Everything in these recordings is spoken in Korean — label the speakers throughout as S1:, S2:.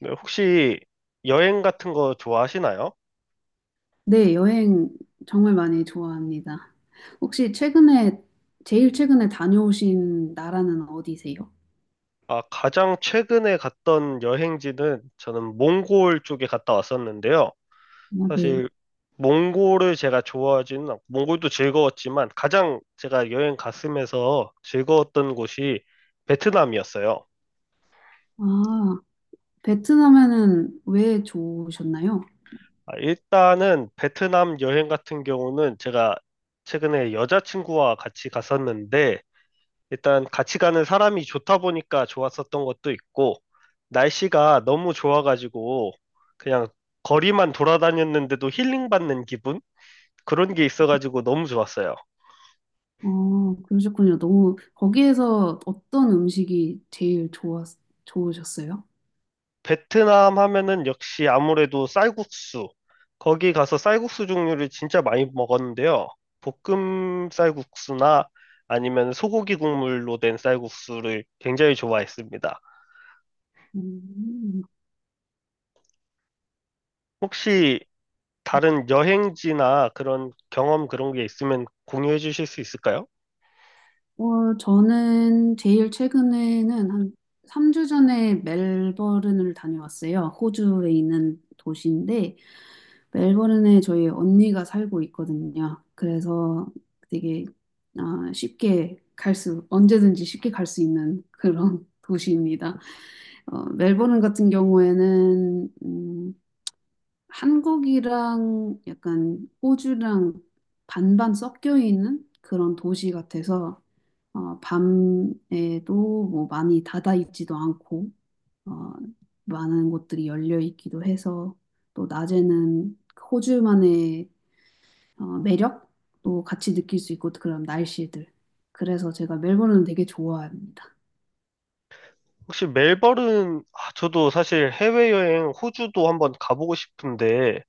S1: 네, 혹시 여행 같은 거 좋아하시나요?
S2: 네, 여행 정말 많이 좋아합니다. 혹시 제일 최근에 다녀오신 나라는 어디세요?
S1: 아, 가장 최근에 갔던 여행지는 저는 몽골 쪽에 갔다 왔었는데요.
S2: 어, 네.
S1: 사실 몽골을 제가 좋아하지는 않고, 몽골도 즐거웠지만 가장 제가 여행 갔으면서 즐거웠던 곳이 베트남이었어요.
S2: 아, 베트남에는 왜 좋으셨나요?
S1: 아, 일단은 베트남 여행 같은 경우는 제가 최근에 여자친구와 같이 갔었는데 일단 같이 가는 사람이 좋다 보니까 좋았었던 것도 있고, 날씨가 너무 좋아가지고, 그냥 거리만 돌아다녔는데도 힐링받는 기분? 그런 게 있어가지고 너무 좋았어요.
S2: 어, 그러셨군요. 거기에서 어떤 음식이 제일 좋으셨어요?
S1: 베트남 하면은 역시 아무래도 쌀국수. 거기 가서 쌀국수 종류를 진짜 많이 먹었는데요. 볶음 쌀국수나 아니면 소고기 국물로 된 쌀국수를 굉장히 좋아했습니다.
S2: 음.
S1: 혹시 다른 여행지나 그런 경험 그런 게 있으면 공유해 주실 수 있을까요?
S2: 저는 제일 최근에는 한 3주 전에 멜버른을 다녀왔어요. 호주에 있는 도시인데, 멜버른에 저희 언니가 살고 있거든요. 그래서 되게 언제든지 쉽게 갈 수 있는 그런 도시입니다. 멜버른 같은 경우에는 한국이랑 약간 호주랑 반반 섞여 있는 그런 도시 같아서 밤에도 뭐 많이 닫아 있지도 않고 어, 많은 곳들이 열려 있기도 해서 또 낮에는 호주만의 매력도 같이 느낄 수 있고 그런 날씨들. 그래서 제가 멜버른을 되게 좋아합니다.
S1: 혹시 멜버른, 아, 저도 사실 해외여행 호주도 한번 가보고 싶은데,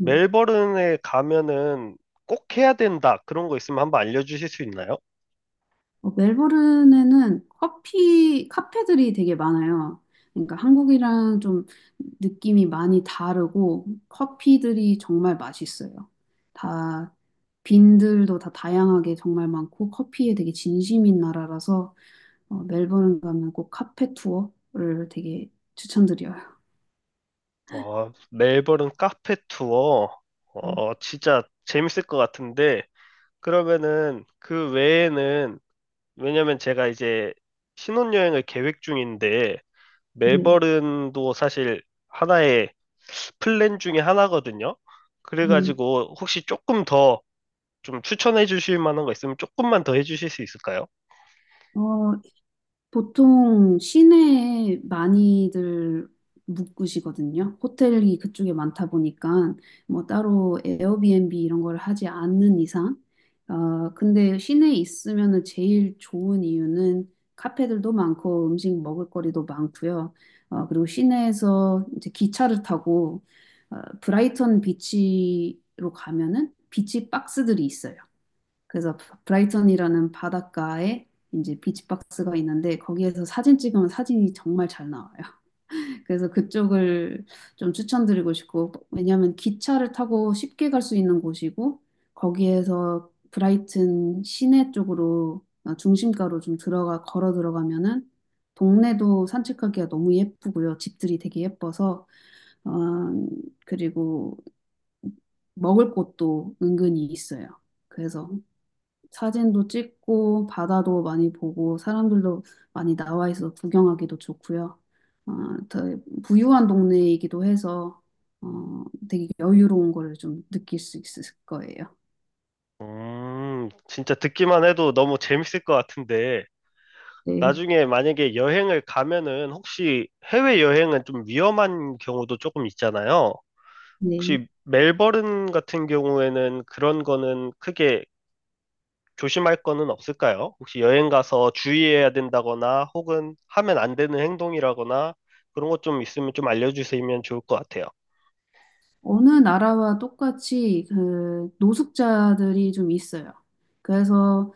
S1: 멜버른에 가면은 꼭 해야 된다. 그런 거 있으면 한번 알려주실 수 있나요?
S2: 멜버른에는 카페들이 되게 많아요. 그러니까 한국이랑 좀 느낌이 많이 다르고 커피들이 정말 맛있어요. 다 빈들도 다 다양하게 정말 많고 커피에 되게 진심인 나라라서 멜버른 가면 꼭 카페 투어를 되게 추천드려요.
S1: 어, 멜버른 카페 투어,
S2: 네.
S1: 어, 진짜 재밌을 것 같은데, 그러면은 그 외에는, 왜냐면 제가 이제 신혼여행을 계획 중인데, 멜
S2: 네.
S1: 버 l 도 사실 하나의 플랜 중에 하나거든요.
S2: 네.
S1: 그래가지고 혹시 조금 더 좀 추천해 주실 만한 거 있으면 조금만 더 해주실 수 있을까요?
S2: 어, 보통 시내에 많이들 묵으시거든요. 호텔이 그쪽에 많다 보니까 뭐 따로 에어비앤비 이런 걸 하지 않는 이상. 근데 시내에 있으면은 제일 좋은 이유는 카페들도 많고 음식 먹을거리도 많고요. 그리고 시내에서 이제 기차를 타고 브라이턴 비치로 가면은 비치 박스들이 있어요. 그래서 브라이턴이라는 바닷가에 이제 비치박스가 있는데 거기에서 사진 찍으면 사진이 정말 잘 나와요. 그래서 그쪽을 좀 추천드리고 싶고 왜냐하면 기차를 타고 쉽게 갈 수 있는 곳이고 거기에서 브라이튼 시내 쪽으로 중심가로 좀 들어가 걸어 들어가면은 동네도 산책하기가 너무 예쁘고요. 집들이 되게 예뻐서 어, 그리고 먹을 곳도 은근히 있어요. 그래서 사진도 찍고 바다도 많이 보고 사람들도 많이 나와 있어서 구경하기도 좋고요. 어, 더 부유한 동네이기도 해서 어, 되게 여유로운 거를 좀 느낄 수 있을 거예요.
S1: 진짜 듣기만 해도 너무 재밌을 것 같은데,
S2: 네,
S1: 나중에 만약에 여행을 가면은 혹시 해외 여행은 좀 위험한 경우도 조금 있잖아요.
S2: 네.
S1: 혹시 멜버른 같은 경우에는 그런 거는 크게 조심할 거는 없을까요? 혹시 여행 가서 주의해야 된다거나 혹은 하면 안 되는 행동이라거나 그런 것 좀 있으면 좀 알려주시면 좋을 것 같아요.
S2: 어느 나라와 똑같이 그 노숙자들이 좀 있어요. 그래서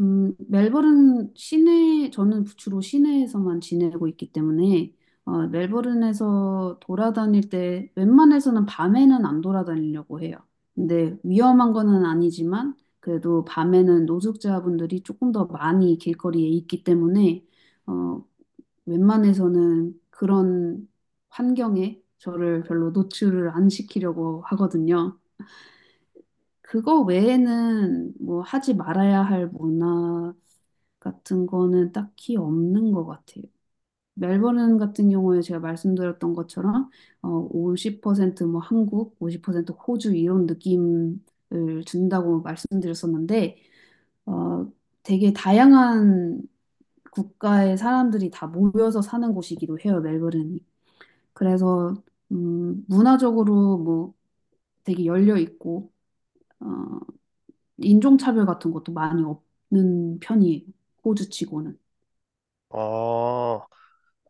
S2: 멜버른 시내 저는 주로 시내에서만 지내고 있기 때문에 멜버른에서 돌아다닐 때 웬만해서는 밤에는 안 돌아다니려고 해요. 근데 위험한 거는 아니지만 그래도 밤에는 노숙자분들이 조금 더 많이 길거리에 있기 때문에 어, 웬만해서는 그런 환경에 저를 별로 노출을 안 시키려고 하거든요. 그거 외에는 뭐 하지 말아야 할 문화 같은 거는 딱히 없는 것 같아요. 멜버른 같은 경우에 제가 말씀드렸던 것처럼 50%뭐 한국, 50% 호주 이런 느낌을 준다고 말씀드렸었는데 어, 되게 다양한 국가의 사람들이 다 모여서 사는 곳이기도 해요, 멜버른이. 그래서 문화적으로 뭐 되게 열려 있고 어, 인종차별 같은 것도 많이 없는 편이에요. 호주치고는.
S1: 어,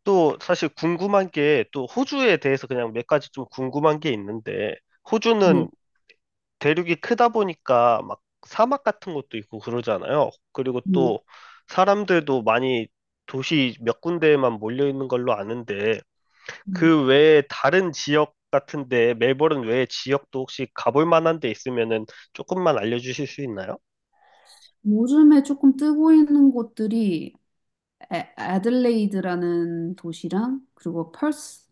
S1: 또 사실 궁금한 게 또 호주에 대해서 그냥 몇 가지 좀 궁금한 게 있는데
S2: 네.
S1: 호주는 대륙이 크다 보니까 막 사막 같은 것도 있고 그러잖아요. 그리고
S2: 네.
S1: 또 사람들도 많이 도시 몇 군데에만 몰려 있는 걸로 아는데
S2: 음.
S1: 그 외에 다른 지역 같은데 멜버른 외에 지역도 혹시 가볼 만한 데 있으면은 조금만 알려주실 수 있나요?
S2: 요즘에 조금 뜨고 있는 곳들이 애들레이드라는 도시랑 그리고 펄스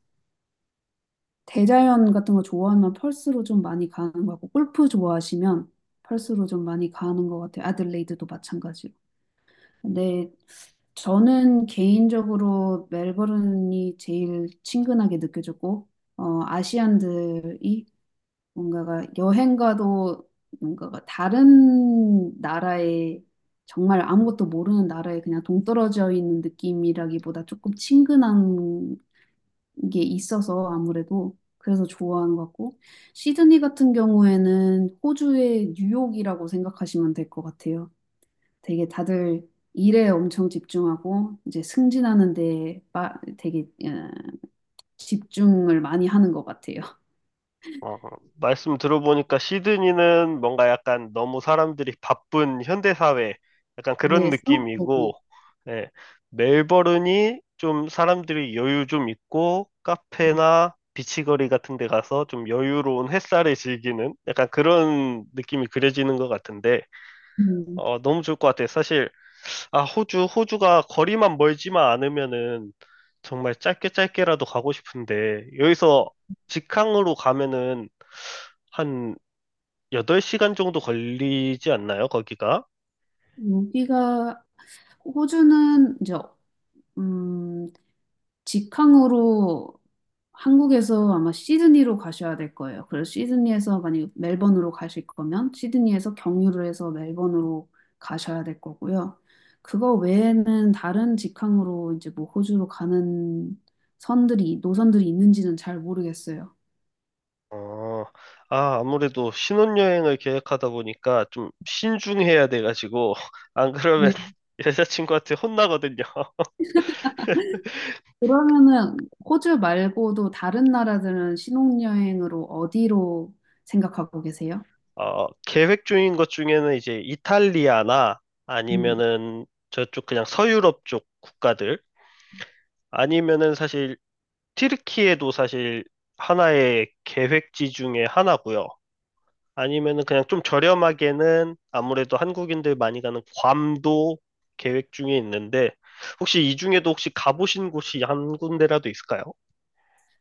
S2: 대자연 같은 거 좋아하면 펄스로 좀 많이 가는 거 같고 골프 좋아하시면 펄스로 좀 많이 가는 것 같아요. 애들레이드도 마찬가지로. 근데 저는 개인적으로 멜버른이 제일 친근하게 느껴졌고, 아시안들이 뭔가가 여행가도 뭔가가 다른 나라에 정말 아무것도 모르는 나라에 그냥 동떨어져 있는 느낌이라기보다 조금 친근한 게 있어서 아무래도 그래서 좋아하는 것 같고, 시드니 같은 경우에는 호주의 뉴욕이라고 생각하시면 될 것 같아요. 되게 다들 일에 엄청 집중하고 이제 승진하는 데 되게 집중을 많이 하는 것 같아요.
S1: 어, 말씀 들어보니까 시드니는 뭔가 약간 너무 사람들이 바쁜 현대사회 약간 그런
S2: 네,
S1: 느낌이고,
S2: 상업적이.
S1: 예, 멜버른이 좀 사람들이 여유 좀 있고 카페나 비치거리 같은 데 가서 좀 여유로운 햇살을 즐기는 약간 그런 느낌이 그려지는 것 같은데,
S2: 음,
S1: 어, 너무 좋을 것 같아요. 사실, 아, 호주, 호주가 거리만 멀지만 않으면은 정말 짧게 짧게라도 가고 싶은데, 여기서 직항으로 가면은 한 8시간 정도 걸리지 않나요, 거기가?
S2: 여기가 호주는 이제 음, 직항으로 한국에서 아마 시드니로 가셔야 될 거예요. 그래서 시드니에서 만약 멜번으로 가실 거면 시드니에서 경유를 해서 멜번으로 가셔야 될 거고요. 그거 외에는 다른 직항으로 이제 뭐 호주로 가는 선들이 노선들이 있는지는 잘 모르겠어요.
S1: 어, 아, 아무래도 신혼여행을 계획하다 보니까 좀 신중해야 돼가지고, 안 그러면
S2: 네.
S1: 여자친구한테 혼나거든요.
S2: 그러면은 호주 말고도 다른 나라들은 신혼여행으로 어디로 생각하고 계세요?
S1: 어, 계획 중인 것 중에는 이제 이탈리아나
S2: 음.
S1: 아니면은 저쪽 그냥 서유럽 쪽 국가들 아니면은 사실 튀르키예도 사실 하나의 계획지 중에 하나고요. 아니면은 그냥 좀 저렴하게는 아무래도 한국인들 많이 가는 괌도 계획 중에 있는데 혹시 이 중에도 혹시 가보신 곳이 한 군데라도 있을까요?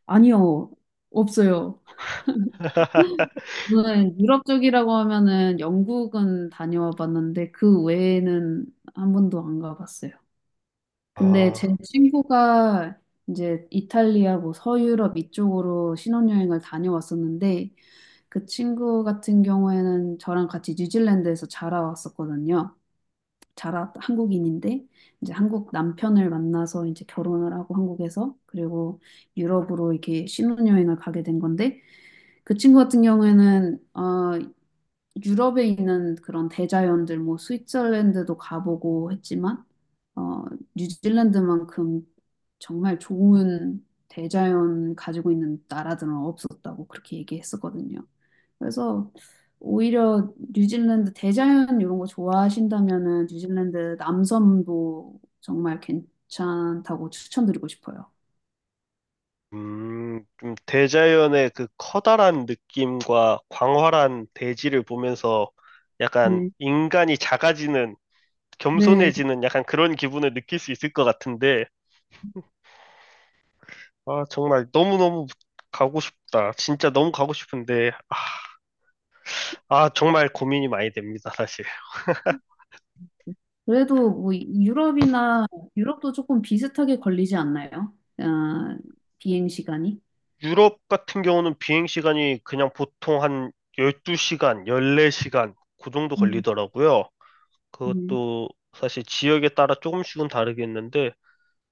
S2: 아니요, 없어요. 저는 유럽 쪽이라고 하면은 영국은 다녀와 봤는데 그 외에는 한 번도 안 가봤어요. 근데 제
S1: 아,
S2: 친구가 이제 이탈리아 뭐 서유럽 이쪽으로 신혼여행을 다녀왔었는데 그 친구 같은 경우에는 저랑 같이 뉴질랜드에서 자라왔었거든요. 자라 한국인인데 이제 한국 남편을 만나서 이제 결혼을 하고 한국에서 그리고 유럽으로 이렇게 신혼여행을 가게 된 건데 그 친구 같은 경우에는 유럽에 있는 그런 대자연들, 뭐 스위tzerland도 가보고 했지만, 어, 뉴질랜드만큼 정말 좋은 대자연 가지고 있는 나라들은 없었다고 그렇게 얘기했었거든요. 그래서 오히려 뉴질랜드 대자연 이런 거 좋아하신다면은 뉴질랜드 남섬도 정말 괜찮다고 추천드리고 싶어요.
S1: 좀 대자연의 그 커다란 느낌과 광활한 대지를 보면서 약간
S2: 네.
S1: 인간이 작아지는,
S2: 네,
S1: 겸손해지는 약간 그런 기분을 느낄 수 있을 것 같은데, 아, 정말 너무너무 가고 싶다. 진짜 너무 가고 싶은데, 아, 아, 정말 고민이 많이 됩니다, 사실.
S2: 그래도 뭐 유럽이나 유럽도 조금 비슷하게 걸리지 않나요? 아, 비행 시간이?
S1: 유럽 같은 경우는 비행 시간이 그냥 보통 한 12시간, 14시간, 그 정도
S2: 음,
S1: 걸리더라고요.
S2: 음.
S1: 그것도 사실 지역에 따라 조금씩은 다르겠는데,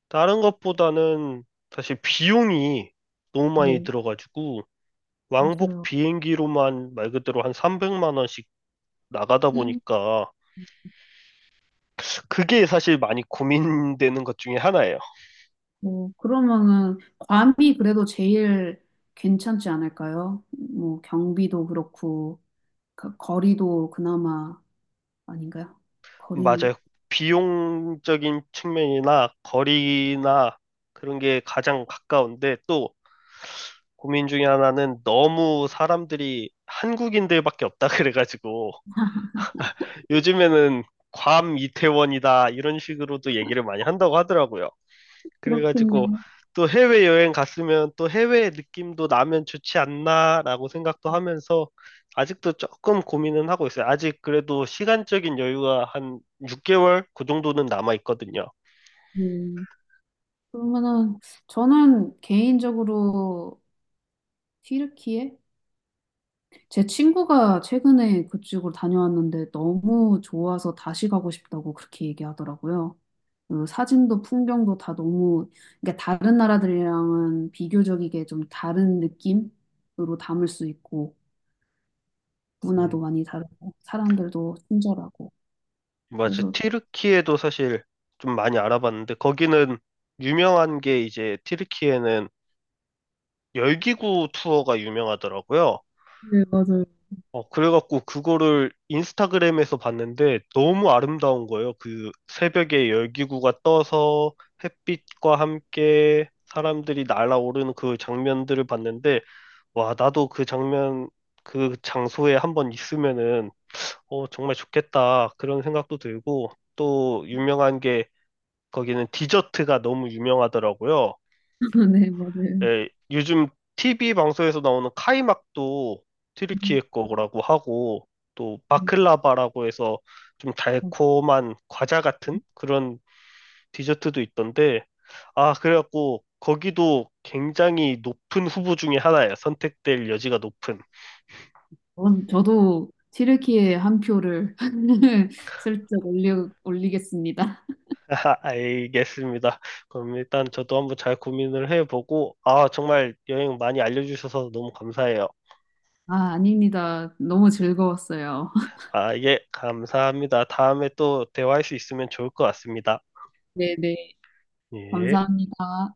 S1: 다른 것보다는 사실 비용이 너무 많이
S2: 네,
S1: 들어가지고 왕복
S2: 맞아요.
S1: 비행기로만 말 그대로 한 300만 원씩 나가다
S2: 음.
S1: 보니까 그게 사실 많이 고민되는 것 중에 하나예요.
S2: 뭐 그러면은 괌이 그래도 제일 괜찮지 않을까요? 뭐 경비도 그렇고 그 거리도 그나마 아닌가요? 거리는
S1: 맞아요. 비용적인 측면이나 거리나 그런 게 가장 가까운데 또 고민 중에 하나는 너무 사람들이 한국인들밖에 없다 그래가지고 요즘에는 괌 이태원이다 이런 식으로도 얘기를 많이 한다고 하더라고요. 그래가지고
S2: 그렇군요.
S1: 또 해외여행 갔으면 또 해외 느낌도 나면 좋지 않나라고 생각도 하면서 아직도 조금 고민은 하고 있어요. 아직 그래도 시간적인 여유가 한 6개월 그 정도는 남아 있거든요.
S2: 음. 그러면은 저는 개인적으로 튀르키예? 제 친구가 최근에 그쪽으로 다녀왔는데 너무 좋아서 다시 가고 싶다고 그렇게 얘기하더라고요. 그 사진도 풍경도 다 너무, 그러니까 다른 나라들이랑은 비교적이게 좀 다른 느낌으로 담을 수 있고, 문화도
S1: 음,
S2: 많이 다르고, 사람들도 친절하고.
S1: 맞아.
S2: 그래서,
S1: 튀르키예도 사실 좀 많이 알아봤는데 거기는 유명한 게 이제 튀르키예는 열기구 투어가 유명하더라고요.
S2: 네, 맞아요.
S1: 어, 그래갖고 그거를 인스타그램에서 봤는데 너무 아름다운 거예요. 그 새벽에 열기구가 떠서 햇빛과 함께 사람들이 날아오르는 그 장면들을 봤는데, 와, 나도 그 장면, 그 장소에 한번 있으면은, 어, 정말 좋겠다. 그런 생각도 들고, 또 유명한 게 거기는 디저트가 너무 유명하더라고요.
S2: 네, 맞아요.
S1: 예, 요즘 TV 방송에서 나오는 카이막도 튀르키예 거라고 하고 또
S2: 네.
S1: 바클라바라고 해서 좀 달콤한 과자 같은 그런 디저트도 있던데 아 그래갖고 거기도 굉장히 높은 후보 중에 하나예요. 선택될 여지가 높은.
S2: 그럼 저도 튀르키예 한 표를 슬쩍 올리겠습니다.
S1: 알겠습니다. 그럼 일단 저도 한번 잘 고민을 해보고 아 정말 여행 많이 알려주셔서 너무 감사해요.
S2: 아, 아닙니다. 너무 즐거웠어요.
S1: 아, 예, 감사합니다. 다음에 또 대화할 수 있으면 좋을 것 같습니다.
S2: 네네.
S1: 예.
S2: 감사합니다.